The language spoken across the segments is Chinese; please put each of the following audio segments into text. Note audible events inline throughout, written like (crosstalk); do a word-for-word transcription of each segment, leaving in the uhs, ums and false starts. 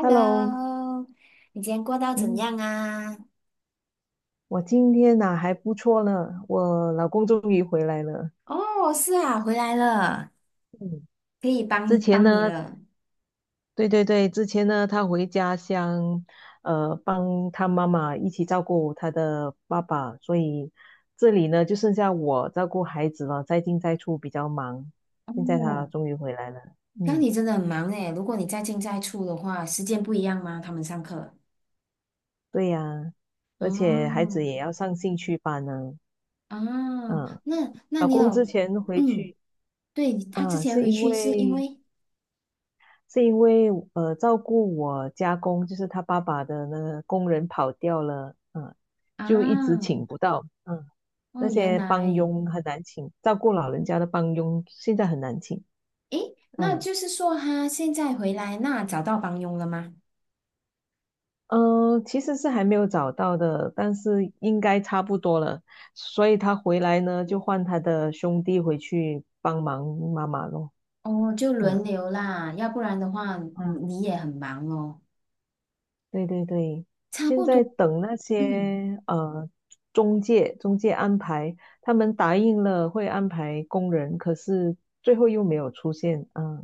Hello，你今天过到怎嗯，样啊？我今天呐还不错呢，我老公终于回来了。哦，是啊，回来了，嗯，可以之帮前帮你呢，了。对对对，之前呢，他回家乡，呃，帮他妈妈一起照顾他的爸爸，所以这里呢就剩下我照顾孩子了，在进在出比较忙。现在他哦，终于回来了，那嗯，你真的很忙诶，如果你在进在出的话，时间不一样吗？他们上课。对呀，而且孩子哦，也要上兴趣班呢，哦，嗯，那那老你公之有，前回嗯，去对，他之啊，前是回因去是因为。为是因为呃照顾我家公，就是他爸爸的那个工人跑掉了，嗯，就一直啊，请不到，嗯，那哦，原些帮来，佣很难请，照顾老人家的帮佣现在很难请。诶，那嗯就是说他现在回来，那找到帮佣了吗？嗯，呃其实是还没有找到的，但是应该差不多了，所以他回来呢，就换他的兄弟回去帮忙妈妈咯。哦，就嗯轮流啦，要不然的话，你嗯，你也很忙哦。对对对，差现不在多，等那嗯，些呃中介中介安排，他们答应了会安排工人，可是最后又没有出现啊。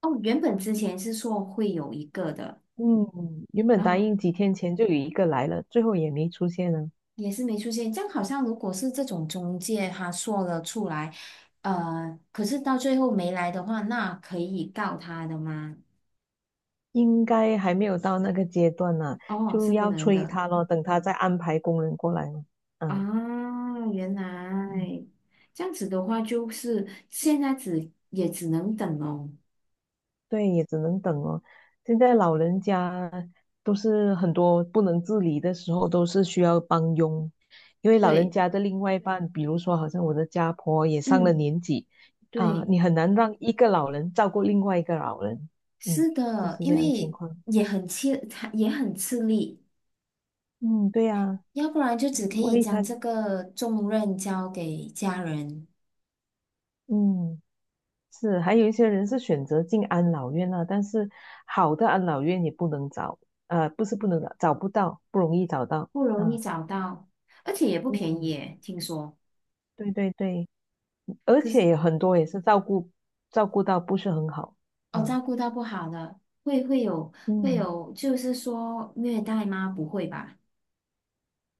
哦，原本之前是说会有一个的，嗯，原本然答后应几天前就有一个来了，最后也没出现呢，也是没出现。这样好像如果是这种中介他说了出来，呃，可是到最后没来的话，那可以告他的吗？应该还没有到那个阶段呢、哦，就是不要能催的他咯，等他再安排工人过来咯。啊，原嗯，来这样子的话，就是现在只也只能等哦。对，也只能等哦。现在老人家都是很多不能自理的时候，都是需要帮佣，因为老人对，家的另外一半，比如说好像我的家婆也上了嗯，年纪啊，对，你很难让一个老人照顾另外一个老人。嗯，是就的，是这因样情为况。也很吃，也很吃力。嗯，对呀，要不然就只可万以一将他，这个重任交给家人，嗯，是，还有一些人是选择进安老院啊，但是好的安老院也不能找，呃，不是不能找，找不到，不容易找到。不容易嗯找到，而且也不便宜嗯。耶，听说。对对对，而且有很多也是照顾照顾到不是很好。哦，嗯照顾到不好的，会会有会嗯，有，就是说虐待吗？不会吧？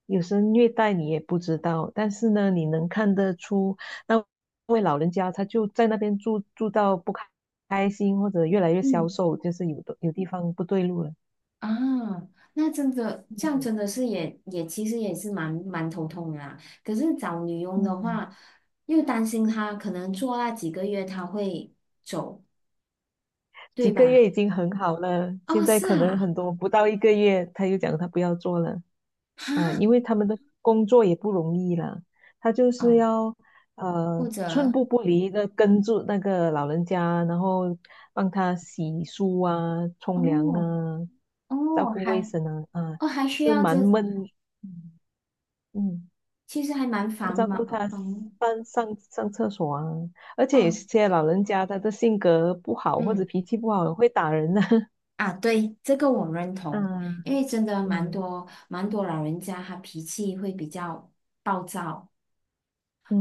有时虐待你也不知道，但是呢，你能看得出那位老人家他就在那边住住到不开开心，或者越来越消嗯，瘦，就是有的有地方不对路了。啊，那真的这样嗯真的是也也其实也是蛮蛮头痛的啦。可是找女佣的嗯，话，又担心她可能做那几个月她会走，几对个月吧？已经很好了，现哦，在是可能啊，很多不到一个月他就讲他不要做了。哈，啊，因为他们的工作也不容易啦，他就是哦，要或呃寸者。步不离的跟住那个老人家，然后帮他洗漱啊、冲凉哦，啊、照哦，顾卫还生啊。啊，哦还需是要蛮这，闷，嗯，嗯其实还蛮要繁照顾忙他繁上上上厕所啊，而且有哦，些老人家他的性格不好或者嗯脾气不好，会打人的、啊，对，这个我认 (laughs) 同，啊。因为真的蛮嗯多蛮多老人家他脾气会比较暴躁，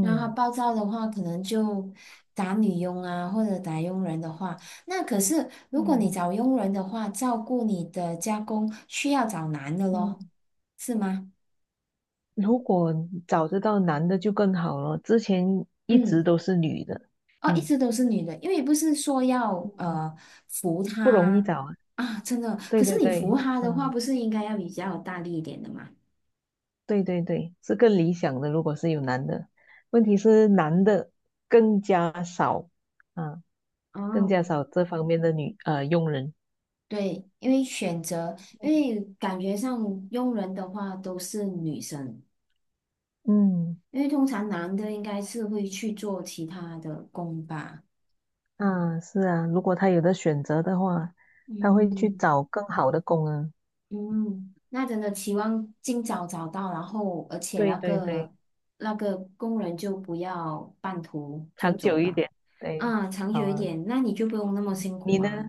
然后他暴躁的话可能就打女佣啊或者打佣人的话，那可是如果你嗯找佣人的话，照顾你的家公需要找男的嗯。咯，嗯，是吗？如果找得到男的就更好了，之前一直嗯。都是女的。哦，一嗯直都是女的，因为不是说要嗯，呃扶不容易她找啊。啊，真的。对可对是你对，扶她的话，嗯，不是应该要比较大力一点的吗？对对对，是更理想的。如果是有男的，问题是男的更加少啊，更哦，加少这方面的女呃佣人。对，因为选择，因为感觉上佣人的话都是女生，嗯，因为通常男的应该是会去做其他的工吧。啊，是啊，如果他有的选择的话，他会去嗯。找更好的工啊。嗯，那真的期望尽早找到，然后而且对那对对，个那个工人就不要半途就长久走一了，点。对，啊，长好久一啊。点，那你就不用那么辛你苦呢？啊。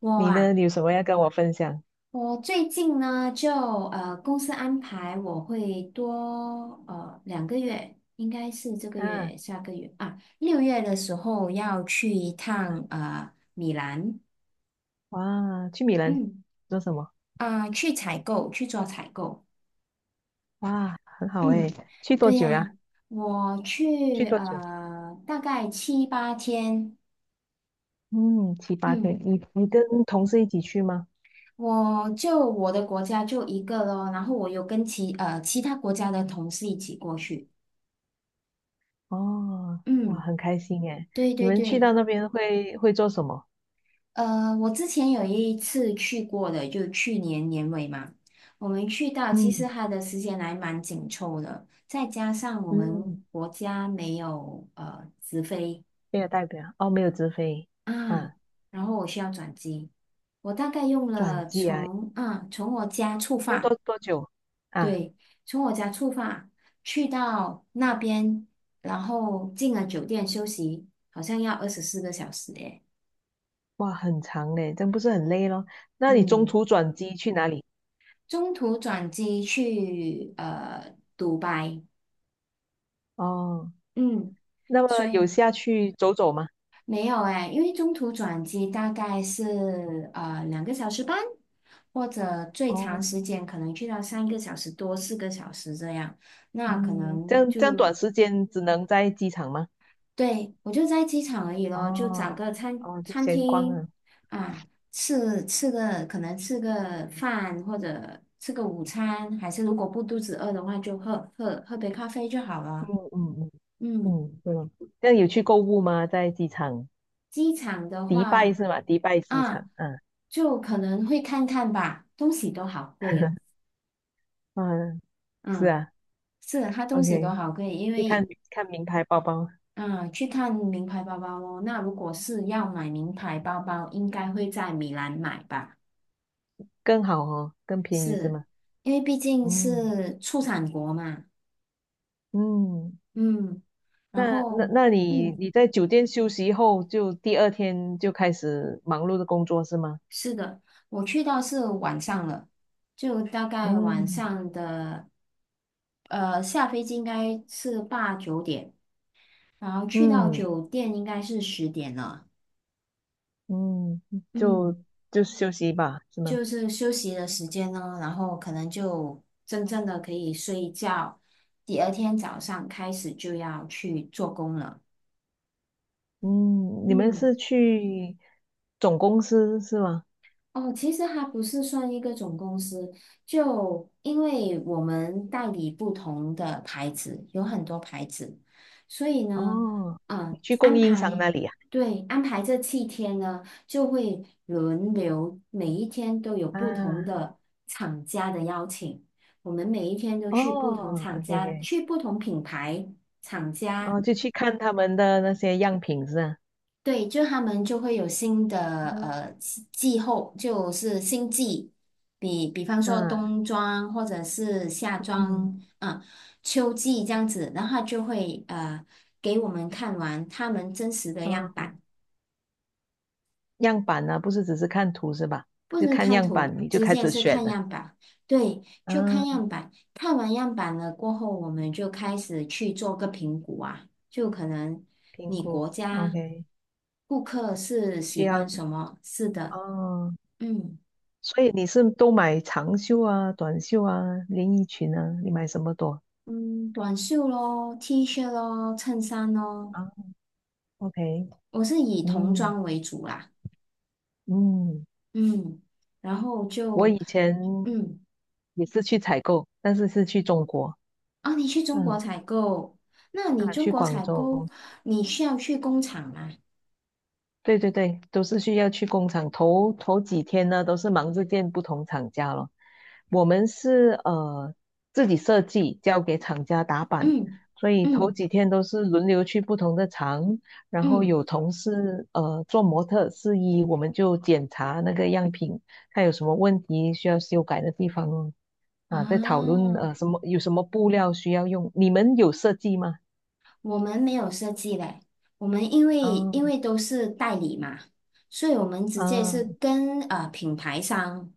我你啊，呢？你有什么要跟我分享？我最近呢就呃公司安排我会多呃两个月，应该是这个啊，月下个月啊六月的时候要去一趟呃米兰，哇，去米兰嗯做什么？啊、去采购去做采购。哇，很好诶，嗯，去多对久呀，呀？我去去多久？呃大概七八天，嗯，七八天。嗯，你你跟同事一起去吗？我就我的国家就一个咯，然后我有跟其呃其他国家的同事一起过去，哦，哇，嗯，很开心诶。对你对们去对，到那边会会做什么？呃，我之前有一次去过的，就去年年尾嘛，我们去到其嗯实它的时间还蛮紧凑的，再加上我嗯，们国家没有呃直飞。没有代表哦，没有直飞啊，啊，然后我需要转机，我大概用转了机啊，从啊从我家出要发，多多久啊？对，从我家出发去到那边，然后进了酒店休息，好像要二十四个小时诶，哇，很长嘞，真不是很累咯。那你中嗯，途转机去哪里？中途转机去呃独白，哦，嗯，那么所有以下去走走吗？没有哎，因为中途转机大概是呃两个小时半，或者最长哦，时间可能去到三个小时多、四个小时这样。那可嗯，这能样这样短就时间只能在机场吗？对我就在机场而已咯，就找哦个餐哦，就餐闲逛厅啊。啊，吃吃个可能吃个饭或者吃个午餐，还是如果不肚子饿的话，就喝喝喝杯咖啡就好嗯了。嗯嗯嗯。嗯，对哦。这样有去购物吗？在机场，机场的迪拜话，是吗？迪拜机场，啊，嗯、就可能会看看吧，东西都好贵哦。(laughs) 嗯、是嗯，啊是啊，它东西都，OK,好贵，因去看为看名牌包包嗯，去看名牌包包哦。那如果是要买名牌包包，应该会在米兰买吧，更好哦，更便宜是吗？因为毕竟嗯是出产国嘛。嗯，嗯，然那那后那你嗯，你在酒店休息后，就第二天就开始忙碌的工作是吗？是的，我去到是晚上了，就大概晚嗯上的，呃，下飞机应该是八九点。然后去到嗯，酒店应该是十点了，嗯，就嗯，就休息吧，是吗？就是休息的时间呢，然后可能就真正的可以睡一觉，第二天早上开始就要去做工了，嗯，你们嗯。是去总公司是吗？哦，其实它不是算一个总公司，就因为我们代理不同的牌子，有很多牌子，所以呢，哦，你啊、去供安应商排，那里啊？对，安排这七天呢，就会轮流，每一天都有不同啊？的厂家的邀请，我们每一天都去不同哦厂，OK 家，OK,去不同品牌厂家哦，就去看他们的那些样品是吧？对，就他们就会有新的呃气气候，就是新季，比比方说啊，冬装或者是夏嗯，装，啊、秋季这样子，然后他就会呃给我们看完他们真实的样哦，板，样板呢、不是只是看图是吧？不就是看看样板图，你就直开接始是选看了。样板。对，就啊，看样板，看完样板了过后，我们就开始去做个评估啊，就可能评你估国家，OK,顾客是需喜要欢什么，是的，哦。嗯。所以你是都买长袖啊、短袖啊、连衣裙啊，你买什么多嗯，短袖咯，T 恤咯，衬衫咯，啊？OK,我是以童嗯装为主啦。嗯，嗯，然后我以就前嗯，也是去采购，但是是去中国。哦，你去中国嗯，采购，那你啊，中去国广采购，州，你需要去工厂吗？对对对，都是需要去工厂。头头几天呢，都是忙着见不同厂家咯。我们是呃自己设计，交给厂家打板，嗯所以头嗯几天都是轮流去不同的厂，然后嗯，有同事呃做模特试衣，我们就检查那个样品，看有什么问题需要修改的地方哦。啊，啊，在讨论呃什么有什么布料需要用。你们有设计吗？我们没有设计嘞，我们因为啊，因为都是代理嘛，所以我们直接是啊，跟呃品牌商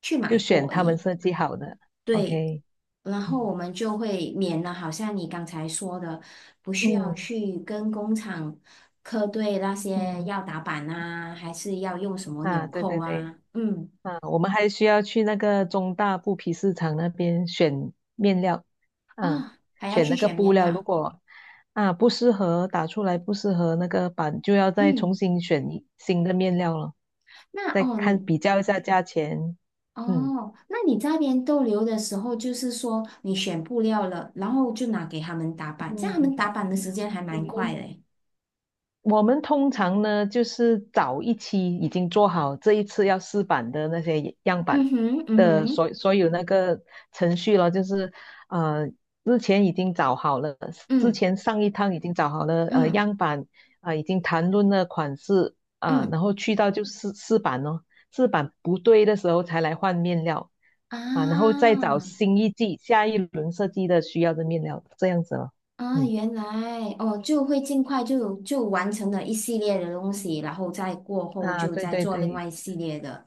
去就买选货而他们已。设计好的对，，OK。然后嗯我们就会免了，好像你刚才说的，不需要嗯去跟工厂核对那些嗯，要打板啊，还是要用什么啊，纽对扣对对，啊，嗯，啊，我们还需要去那个中大布匹市场那边选面料。啊，哦，还要选去那个选布面料，如料，果啊不适合，打出来不适合那个版，就要再重嗯，新选一新的面料了，那再哦看你比较一下价钱。嗯。哦，那你在那边逗留的时候，就是说你选布料了，然后就拿给他们打板，这样嗯，他们打板的时间还蛮快的欸我们通常呢，就是找一期已经做好这一次要试版的那些样板嗯哼，嗯的哼，所所有那个程序了，就是呃之前已经找好了，之嗯前上一趟已经找好了呃嗯样板，啊、已经谈论了款式啊、嗯然后去到就试试版咯，试版不对的时候才来换面料，啊、然后再找啊。新一季下一轮设计的需要的面料，这样子了。啊，嗯，原来哦，就会尽快就就完成了一系列的东西，然后再过后啊，就对再对做另对，外一系列的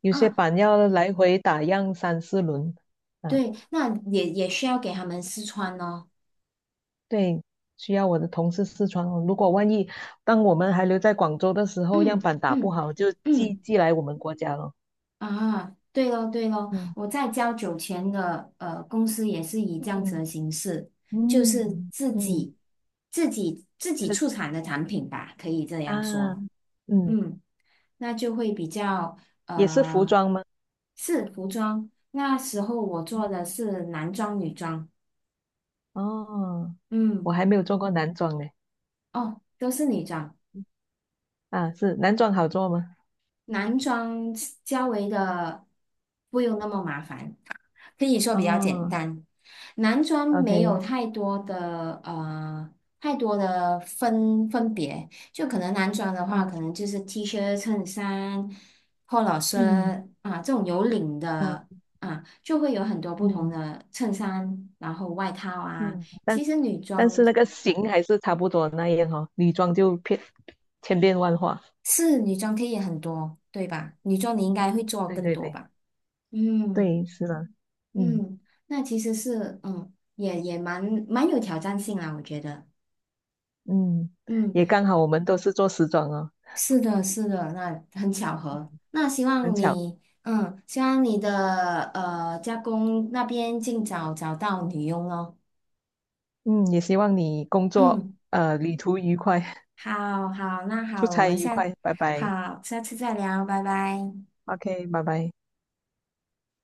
有些啊，板要来回打样三四轮。啊，对，那也也需要给他们试穿咯。对，需要我的同事试穿哦。如果万一当我们还留在广州的时候，样嗯板打不嗯好，就寄嗯寄来我们国家了。啊，对咯对咯，嗯我在交酒钱的呃公司也是以这样子嗯的形式，就是嗯自嗯，己自己自己是出产的产品吧，可以这样啊，说。嗯，嗯。那就会比较也是服呃，装吗？是服装。那时候我做嗯，的是男装、女装，哦，我嗯，还没有做过男装呢。哦，都是女装，啊，是男装好做吗？男装较为的不用那么麻烦。可以说比较简哦单。男装没有，OK,太多的呃太多的分分别，就可能男装的话，啊，可能就是 T 恤、衬衫、p o l 嗯，啊这种有领啊，的啊，就会有很多不同嗯的衬衫，然后外套啊。嗯，但。其实女但装是那个型还是差不多那样哦，女装就变千变万化。是女装可以很多，对吧？女装你应嗯，该会做对更对多对吧？嗯对，是的，嗯嗯，那其实是嗯也也蛮蛮有挑战性啦，我觉得。嗯，也嗯。刚好我们都是做时装哦，是的，是的，那很巧合。那希很望巧。你，嗯，希望你的呃家公那边尽早找到女佣哦。嗯，也希望你工作嗯，呃旅途愉快，好好，那 (laughs) 出好，我差们愉下，快，拜拜。好，下次再聊，拜拜。OK,拜拜。